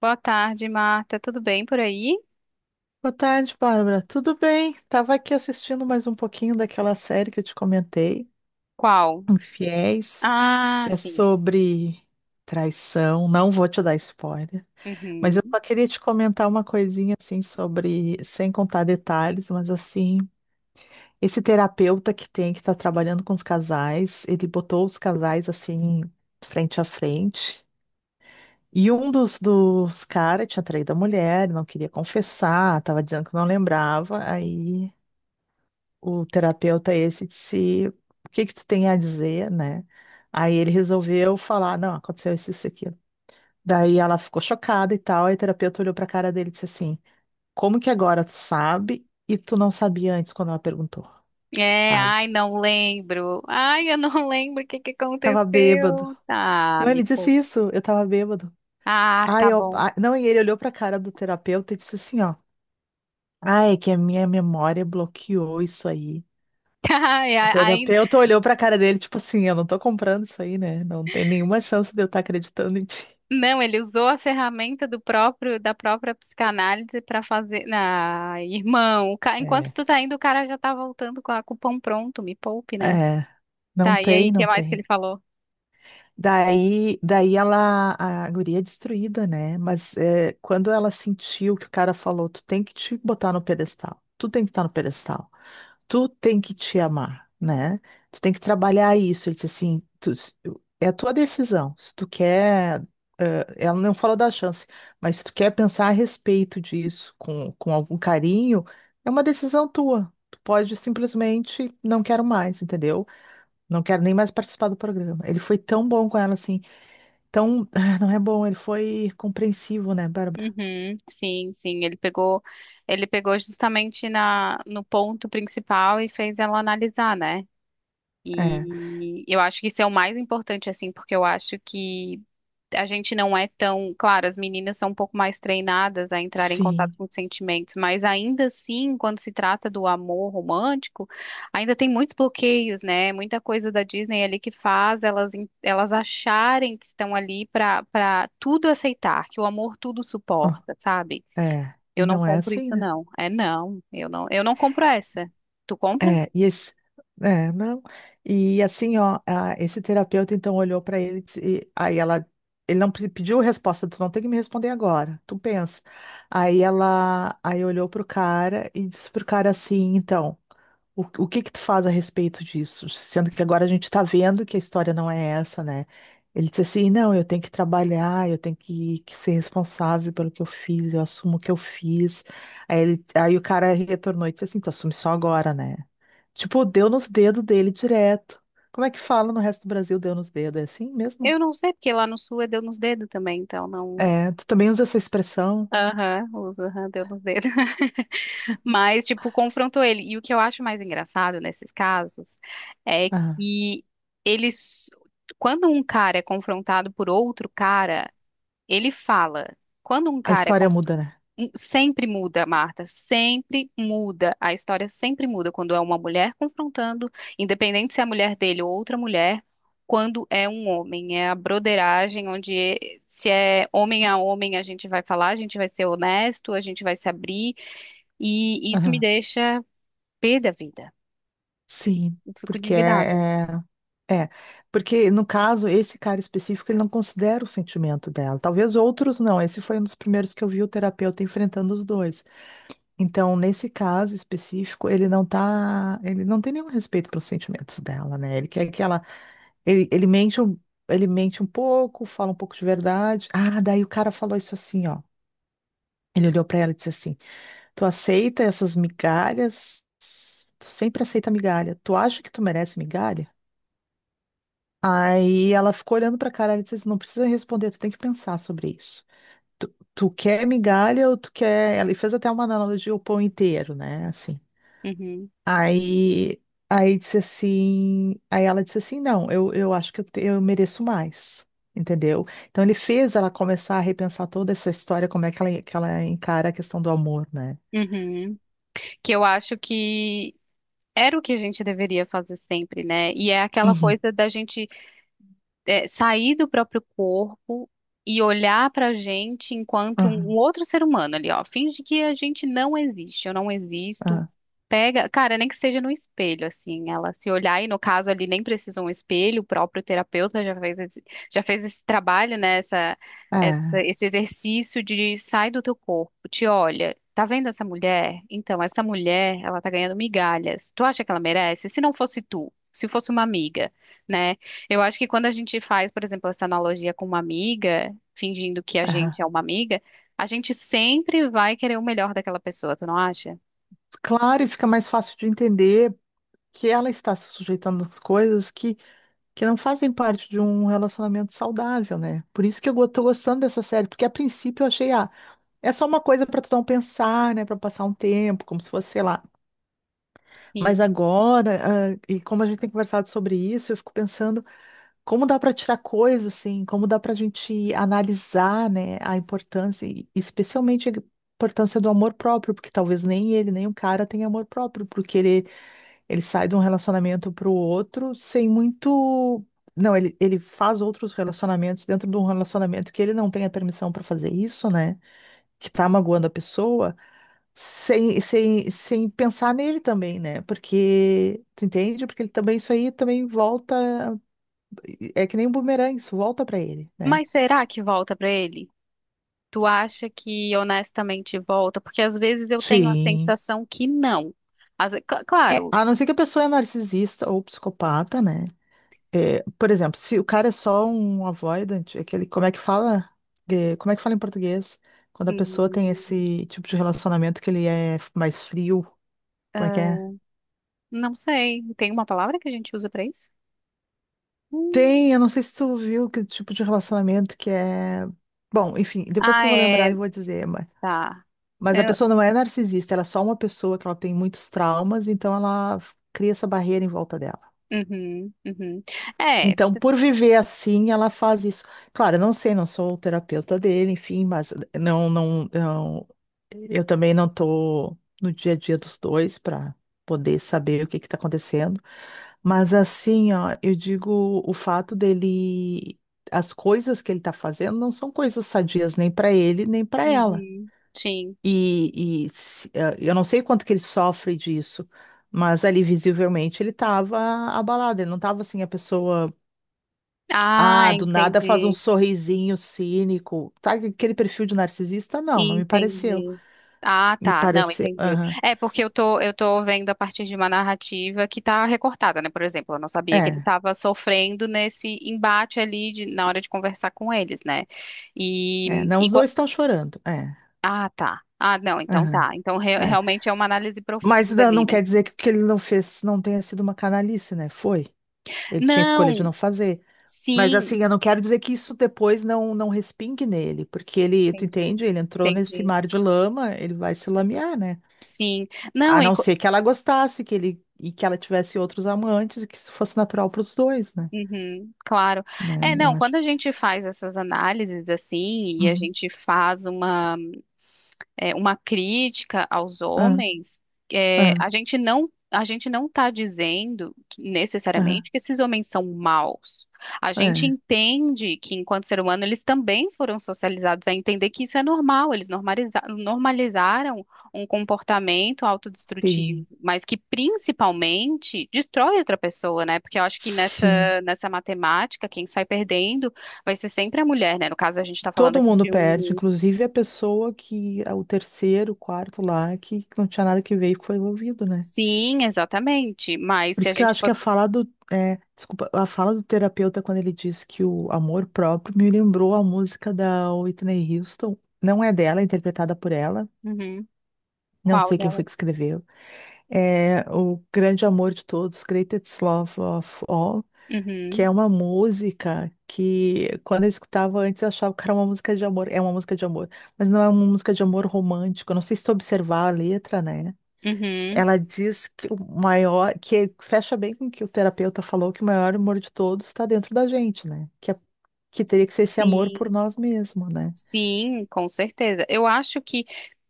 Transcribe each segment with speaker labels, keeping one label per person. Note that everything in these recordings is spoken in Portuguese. Speaker 1: Boa tarde, Marta. Tudo bem por aí?
Speaker 2: Boa tarde, Bárbara. Tudo bem? Tava aqui assistindo mais um pouquinho daquela série que eu te comentei,
Speaker 1: Qual?
Speaker 2: Infiéis,
Speaker 1: Ah,
Speaker 2: que é
Speaker 1: sim.
Speaker 2: sobre traição. Não vou te dar spoiler, mas eu
Speaker 1: Uhum.
Speaker 2: só queria te comentar uma coisinha assim sobre, sem contar detalhes, mas assim, esse terapeuta que tem que tá trabalhando com os casais, ele botou os casais assim frente a frente. E um dos caras tinha traído a mulher, não queria confessar, tava dizendo que não lembrava, aí o terapeuta esse disse, o que que tu tem a dizer, né? Aí ele resolveu falar, não, aconteceu isso, isso, e aquilo. Daí ela ficou chocada e tal, aí o terapeuta olhou pra cara dele e disse assim, como que agora tu sabe e tu não sabia antes quando ela perguntou,
Speaker 1: É,
Speaker 2: sabe?
Speaker 1: ai, não lembro. Ai, eu não lembro o que que
Speaker 2: Tava bêbado.
Speaker 1: aconteceu. Ah,
Speaker 2: Não,
Speaker 1: me
Speaker 2: ele disse
Speaker 1: poupa.
Speaker 2: isso, eu tava bêbado.
Speaker 1: Ah,
Speaker 2: Aí
Speaker 1: tá
Speaker 2: eu,
Speaker 1: bom.
Speaker 2: ah, não, e ele olhou pra cara do terapeuta e disse assim, ó, ah, é que a minha memória bloqueou isso aí.
Speaker 1: Ai,
Speaker 2: O
Speaker 1: ainda
Speaker 2: terapeuta olhou pra cara dele, tipo assim, eu não tô comprando isso aí, né? Não tem nenhuma chance de eu estar acreditando em ti.
Speaker 1: não, ele usou a ferramenta do próprio da própria psicanálise para fazer. Ah, irmão, enquanto
Speaker 2: É,
Speaker 1: tu tá indo, o cara já tá voltando com o pão pronto. Me poupe, né?
Speaker 2: é, não
Speaker 1: Tá, e aí,
Speaker 2: tem,
Speaker 1: o que
Speaker 2: não
Speaker 1: mais que ele
Speaker 2: tem.
Speaker 1: falou?
Speaker 2: Daí ela, a guria é destruída, né? Mas é, quando ela sentiu que o cara falou, tu tem que te botar no pedestal, tu tem que estar no pedestal, tu tem que te amar, né? Tu tem que trabalhar isso. Ele disse assim, tu- é a tua decisão. Se tu quer, ela não falou da chance, mas se tu quer pensar a respeito disso com algum carinho, é uma decisão tua. Tu pode simplesmente não quero mais, entendeu? Não quero nem mais participar do programa. Ele foi tão bom com ela, assim. Tão. Ah, não é bom, ele foi compreensivo, né, Bárbara?
Speaker 1: Uhum, sim, sim, ele pegou justamente no ponto principal e fez ela analisar, né?
Speaker 2: É.
Speaker 1: E eu acho que isso é o mais importante, assim, porque eu acho que a gente não é tão. Claro, as meninas são um pouco mais treinadas a entrar em contato
Speaker 2: Sim.
Speaker 1: com os sentimentos, mas ainda assim, quando se trata do amor romântico, ainda tem muitos bloqueios, né? Muita coisa da Disney ali que faz elas, elas acharem que estão ali para tudo aceitar, que o amor tudo
Speaker 2: Ó,
Speaker 1: suporta, sabe?
Speaker 2: é. E
Speaker 1: Eu não
Speaker 2: não é
Speaker 1: compro
Speaker 2: assim,
Speaker 1: isso,
Speaker 2: né?
Speaker 1: não. É, não, eu não compro essa. Tu compra?
Speaker 2: É, e esse, é, não. E assim, ó, a- esse terapeuta então olhou para ele e, disse- e- aí ela, ele não pe- pediu resposta, tu não tem que me responder agora, tu pensa. Aí ela, aí olhou pro cara e disse pro cara assim, então, o que que tu faz a respeito disso? Sendo que agora a gente tá vendo que a história não é essa, né? Ele disse assim, não, eu tenho que trabalhar, eu tenho que ser responsável pelo que eu fiz, eu assumo o que eu fiz. Aí, ele, aí o cara retornou e disse assim, tu assume só agora, né? Tipo, deu nos dedos dele direto. Como é que fala no resto do Brasil, deu nos dedos? É assim mesmo?
Speaker 1: Eu não sei, porque lá no sul é deu nos dedos também, então não.
Speaker 2: É, tu também usa essa
Speaker 1: Aham,
Speaker 2: expressão?
Speaker 1: uso, aham, deu nos dedos. Mas, tipo, confrontou ele. E o que eu acho mais engraçado nesses casos é
Speaker 2: Ah,
Speaker 1: que eles. Quando um cara é confrontado por outro cara, ele fala. Quando um
Speaker 2: a
Speaker 1: cara é.
Speaker 2: história muda, né?
Speaker 1: Sempre muda, Marta, sempre muda. A história sempre muda quando é uma mulher confrontando, independente se é a mulher dele ou outra mulher, quando é um homem. É a broderagem onde se é homem a homem a gente vai falar, a gente vai ser honesto, a gente vai se abrir e isso me
Speaker 2: Aham.
Speaker 1: deixa pé da vida.
Speaker 2: Sim,
Speaker 1: Eu fico
Speaker 2: porque
Speaker 1: indignada.
Speaker 2: é, é, é. Porque no caso, esse cara específico, ele não considera o sentimento dela. Talvez outros não. Esse foi um dos primeiros que eu vi o terapeuta enfrentando os dois. Então, nesse caso específico, ele não tá, ele não tem nenhum respeito pelos sentimentos dela, né? Ele quer que ela ele, ele mente um pouco, fala um pouco de verdade. Ah, daí o cara falou isso assim, ó. Ele olhou pra ela e disse assim: tu aceita essas migalhas? Tu sempre aceita migalha. Tu acha que tu merece migalha? Aí ela ficou olhando pra cara e disse assim: não precisa responder, tu tem que pensar sobre isso. Tu, tu quer migalha ou tu quer. Ele fez até uma analogia ao pão inteiro, né? Assim.
Speaker 1: Uhum.
Speaker 2: Aí, aí disse assim, aí ela disse assim, não, eu acho que eu, te- eu mereço mais, entendeu? Então ele fez ela começar a repensar toda essa história, como é que ela encara a questão do amor, né?
Speaker 1: Uhum. Que eu acho que era o que a gente deveria fazer sempre, né? E é aquela
Speaker 2: Uhum,
Speaker 1: coisa da gente sair do próprio corpo e olhar pra gente enquanto um
Speaker 2: aham,
Speaker 1: outro ser humano ali, ó. Finge que a gente não existe, eu não existo.
Speaker 2: aham,
Speaker 1: Pega, cara, nem que seja no espelho, assim, ela se olhar, e no caso ali nem precisa um espelho, o próprio terapeuta já fez esse, trabalho, né, essa-
Speaker 2: é,
Speaker 1: esse exercício de sai do teu corpo, te olha, tá vendo essa mulher? Então, essa mulher, ela tá ganhando migalhas, tu acha que ela merece? Se não fosse tu, se fosse uma amiga, né? Eu acho que quando a gente faz, por exemplo, essa analogia com uma amiga, fingindo que a
Speaker 2: aham.
Speaker 1: gente é uma amiga, a gente sempre vai querer o melhor daquela pessoa, tu não acha?
Speaker 2: Claro, e fica mais fácil de entender que ela está se sujeitando às coisas que não fazem parte de um relacionamento saudável, né? Por isso que eu go- tô gostando dessa série, porque a princípio eu achei, ah, é só uma coisa para tu não pensar, né? Para passar um tempo, como se fosse, sei lá. Mas
Speaker 1: Sim.
Speaker 2: agora, ah, e como a gente tem conversado sobre isso, eu fico pensando como dá para tirar coisa, assim, como dá para a gente analisar, né, a importância, e especialmente a importância do amor próprio, porque talvez nem ele, nem o cara tenha amor próprio, porque ele sai de um relacionamento para o outro sem muito. Não, ele faz outros relacionamentos dentro de um relacionamento que ele não tem a permissão para fazer isso, né? Que tá magoando a pessoa sem pensar nele também, né? Porque, tu entende? Porque ele também, isso aí também volta, é que nem um bumerangue, isso volta pra ele, né?
Speaker 1: Mas será que volta pra ele? Tu acha que honestamente volta? Porque às vezes eu tenho a
Speaker 2: Sim.
Speaker 1: sensação que não. Às ve- cl-
Speaker 2: É,
Speaker 1: claro,
Speaker 2: a não ser que a pessoa é narcisista ou psicopata, né? É, por exemplo, se o cara é só um avoidant, aquele, como é que fala de, como é que fala em português? Quando a pessoa tem
Speaker 1: hum,
Speaker 2: esse tipo de relacionamento que ele é mais frio, como é que é?
Speaker 1: ah, não sei. Tem uma palavra que a gente usa pra isso? Hum,
Speaker 2: Tem, eu não sei se tu viu que tipo de relacionamento que é. Bom, enfim, depois que eu
Speaker 1: ah,
Speaker 2: vou
Speaker 1: é.
Speaker 2: lembrar e vou dizer,
Speaker 1: Tá.
Speaker 2: mas a
Speaker 1: Eu-
Speaker 2: pessoa não é narcisista, ela é só uma pessoa que ela tem muitos traumas, então ela f- cria essa barreira em volta dela.
Speaker 1: Uhum, uhum. É.
Speaker 2: Então, por viver assim, ela faz isso. Claro, eu não sei, não sou o terapeuta dele, enfim, mas não, eu também não estou no dia a dia dos dois para poder saber o que está acontecendo. Mas assim, ó, eu digo, o fato dele, as coisas que ele está fazendo não são coisas sadias nem para ele, nem para ela.
Speaker 1: Uhum, sim.
Speaker 2: E se- eh, eu não sei quanto que ele sofre disso, mas ali visivelmente ele estava abalado, ele não estava assim a pessoa
Speaker 1: Ah,
Speaker 2: ah, do nada faz um
Speaker 1: entendi.
Speaker 2: sorrisinho cínico. Tá, aquele perfil de narcisista? Não, não me pareceu.
Speaker 1: Entendi. Ah,
Speaker 2: Me
Speaker 1: tá. Não,
Speaker 2: pareceu.
Speaker 1: entendi.
Speaker 2: Aham.
Speaker 1: É porque eu tô vendo a partir de uma narrativa que tá recortada, né? Por exemplo, eu não sabia que ele
Speaker 2: É,
Speaker 1: estava sofrendo nesse embate ali na hora de conversar com eles, né?
Speaker 2: é.
Speaker 1: E,
Speaker 2: Não,
Speaker 1: e
Speaker 2: os
Speaker 1: qua-
Speaker 2: dois estão chorando. É,
Speaker 1: ah, tá. Ah, não, então
Speaker 2: aham,
Speaker 1: tá. Então
Speaker 2: é.
Speaker 1: realmente é uma análise
Speaker 2: Mas
Speaker 1: profunda
Speaker 2: não,
Speaker 1: ali,
Speaker 2: não
Speaker 1: né?
Speaker 2: quer dizer que o que ele não fez não tenha sido uma canalice, né? Foi. Ele tinha escolha de
Speaker 1: Não,
Speaker 2: não fazer. Mas
Speaker 1: sim,
Speaker 2: assim, eu não quero dizer que isso depois não, não respingue nele, porque ele, tu
Speaker 1: entendi.
Speaker 2: entende? Ele entrou nesse
Speaker 1: Entendi.
Speaker 2: mar de lama, ele vai se lamear, né?
Speaker 1: Sim. Não,
Speaker 2: A não ser que ela gostasse, que ele e que ela tivesse outros amantes e que isso fosse natural para os dois, né?
Speaker 1: Uhum, claro. É,
Speaker 2: Né? Eu
Speaker 1: não,
Speaker 2: acho.
Speaker 1: quando a gente faz essas análises assim, e a
Speaker 2: Uhum.
Speaker 1: gente faz uma crítica aos
Speaker 2: Ah,
Speaker 1: homens,
Speaker 2: ah,
Speaker 1: a gente não está dizendo que,
Speaker 2: ah,
Speaker 1: necessariamente que esses homens são maus. A gente
Speaker 2: é.
Speaker 1: entende que, enquanto ser humano, eles também foram socializados a entender que isso é normal, eles normalizaram um comportamento autodestrutivo,
Speaker 2: Sim,
Speaker 1: mas que principalmente destrói outra pessoa, né? Porque eu acho que
Speaker 2: sim.
Speaker 1: nessa matemática, quem sai perdendo vai ser sempre a mulher, né? No caso, a gente está falando
Speaker 2: Todo
Speaker 1: aqui
Speaker 2: mundo
Speaker 1: de
Speaker 2: perde,
Speaker 1: um.
Speaker 2: inclusive a pessoa que, o terceiro, o quarto lá, que não tinha nada que ver e que foi envolvido, né?
Speaker 1: Sim, exatamente. Mas
Speaker 2: Por
Speaker 1: se a
Speaker 2: isso que eu
Speaker 1: gente.
Speaker 2: acho que a fala do, é, desculpa, a fala do terapeuta quando ele diz que o amor próprio me lembrou a música da Whitney Houston. Não é dela, é interpretada por ela.
Speaker 1: Uhum.
Speaker 2: Não
Speaker 1: Qual
Speaker 2: sei quem foi
Speaker 1: delas?
Speaker 2: que escreveu. É o grande amor de todos, Greatest Love of All. Que
Speaker 1: Uhum.
Speaker 2: é uma música que quando eu escutava antes eu achava que era uma música de amor, é uma música de amor, mas não é uma música de amor romântico. Eu não sei se tu observar a letra, né?
Speaker 1: Uhum.
Speaker 2: Ela diz que o maior, que fecha bem com o que o terapeuta falou, que o maior amor de todos está dentro da gente, né? Que, é- que teria que ser esse amor por
Speaker 1: Sim.
Speaker 2: nós mesmos, né?
Speaker 1: Sim, com certeza. Eu acho que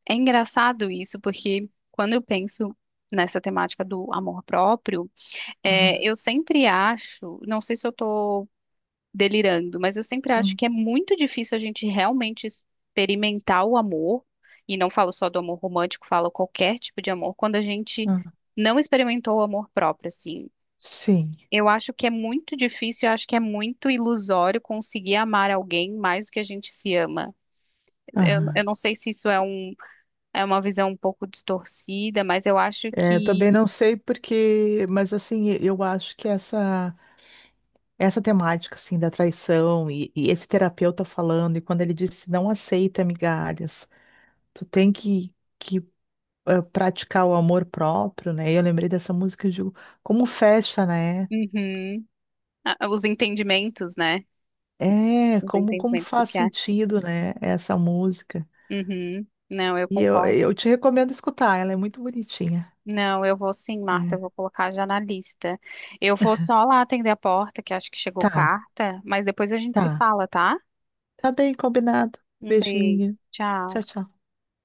Speaker 1: é engraçado isso, porque quando eu penso nessa temática do amor próprio,
Speaker 2: Aham,
Speaker 1: eu sempre acho, não sei se eu estou delirando, mas eu sempre acho
Speaker 2: hum,
Speaker 1: que é muito difícil a gente realmente experimentar o amor, e não falo só do amor romântico, falo qualquer tipo de amor, quando a gente
Speaker 2: aham.
Speaker 1: não experimentou o amor próprio, assim.
Speaker 2: Sim.
Speaker 1: Eu acho que é muito difícil, eu acho que é muito ilusório conseguir amar alguém mais do que a gente se ama.
Speaker 2: Aham.
Speaker 1: Eu não sei se isso é uma visão um pouco distorcida, mas eu acho
Speaker 2: É, eu também
Speaker 1: que.
Speaker 2: não sei porque, mas assim, eu acho que essa essa temática assim da traição e esse terapeuta falando e quando ele disse não aceita migalhas, tu tem que praticar o amor próprio, né? E eu lembrei dessa música e digo, como fecha, né?
Speaker 1: Uhum. Ah, os entendimentos, né?
Speaker 2: É,
Speaker 1: Os
Speaker 2: como como
Speaker 1: entendimentos do
Speaker 2: faz
Speaker 1: que é.
Speaker 2: sentido, né, essa música.
Speaker 1: Uhum. Não, eu
Speaker 2: E
Speaker 1: concordo.
Speaker 2: eu te recomendo escutar, ela é muito bonitinha.
Speaker 1: Não, eu vou sim, Marta, eu
Speaker 2: É.
Speaker 1: vou colocar já na lista. Eu vou só lá atender a porta, que acho que chegou
Speaker 2: Tá,
Speaker 1: carta, mas depois a gente se
Speaker 2: tá.
Speaker 1: fala, tá?
Speaker 2: Tá bem combinado.
Speaker 1: Um beijo.
Speaker 2: Beijinho.
Speaker 1: Tchau.
Speaker 2: Tchau, tchau.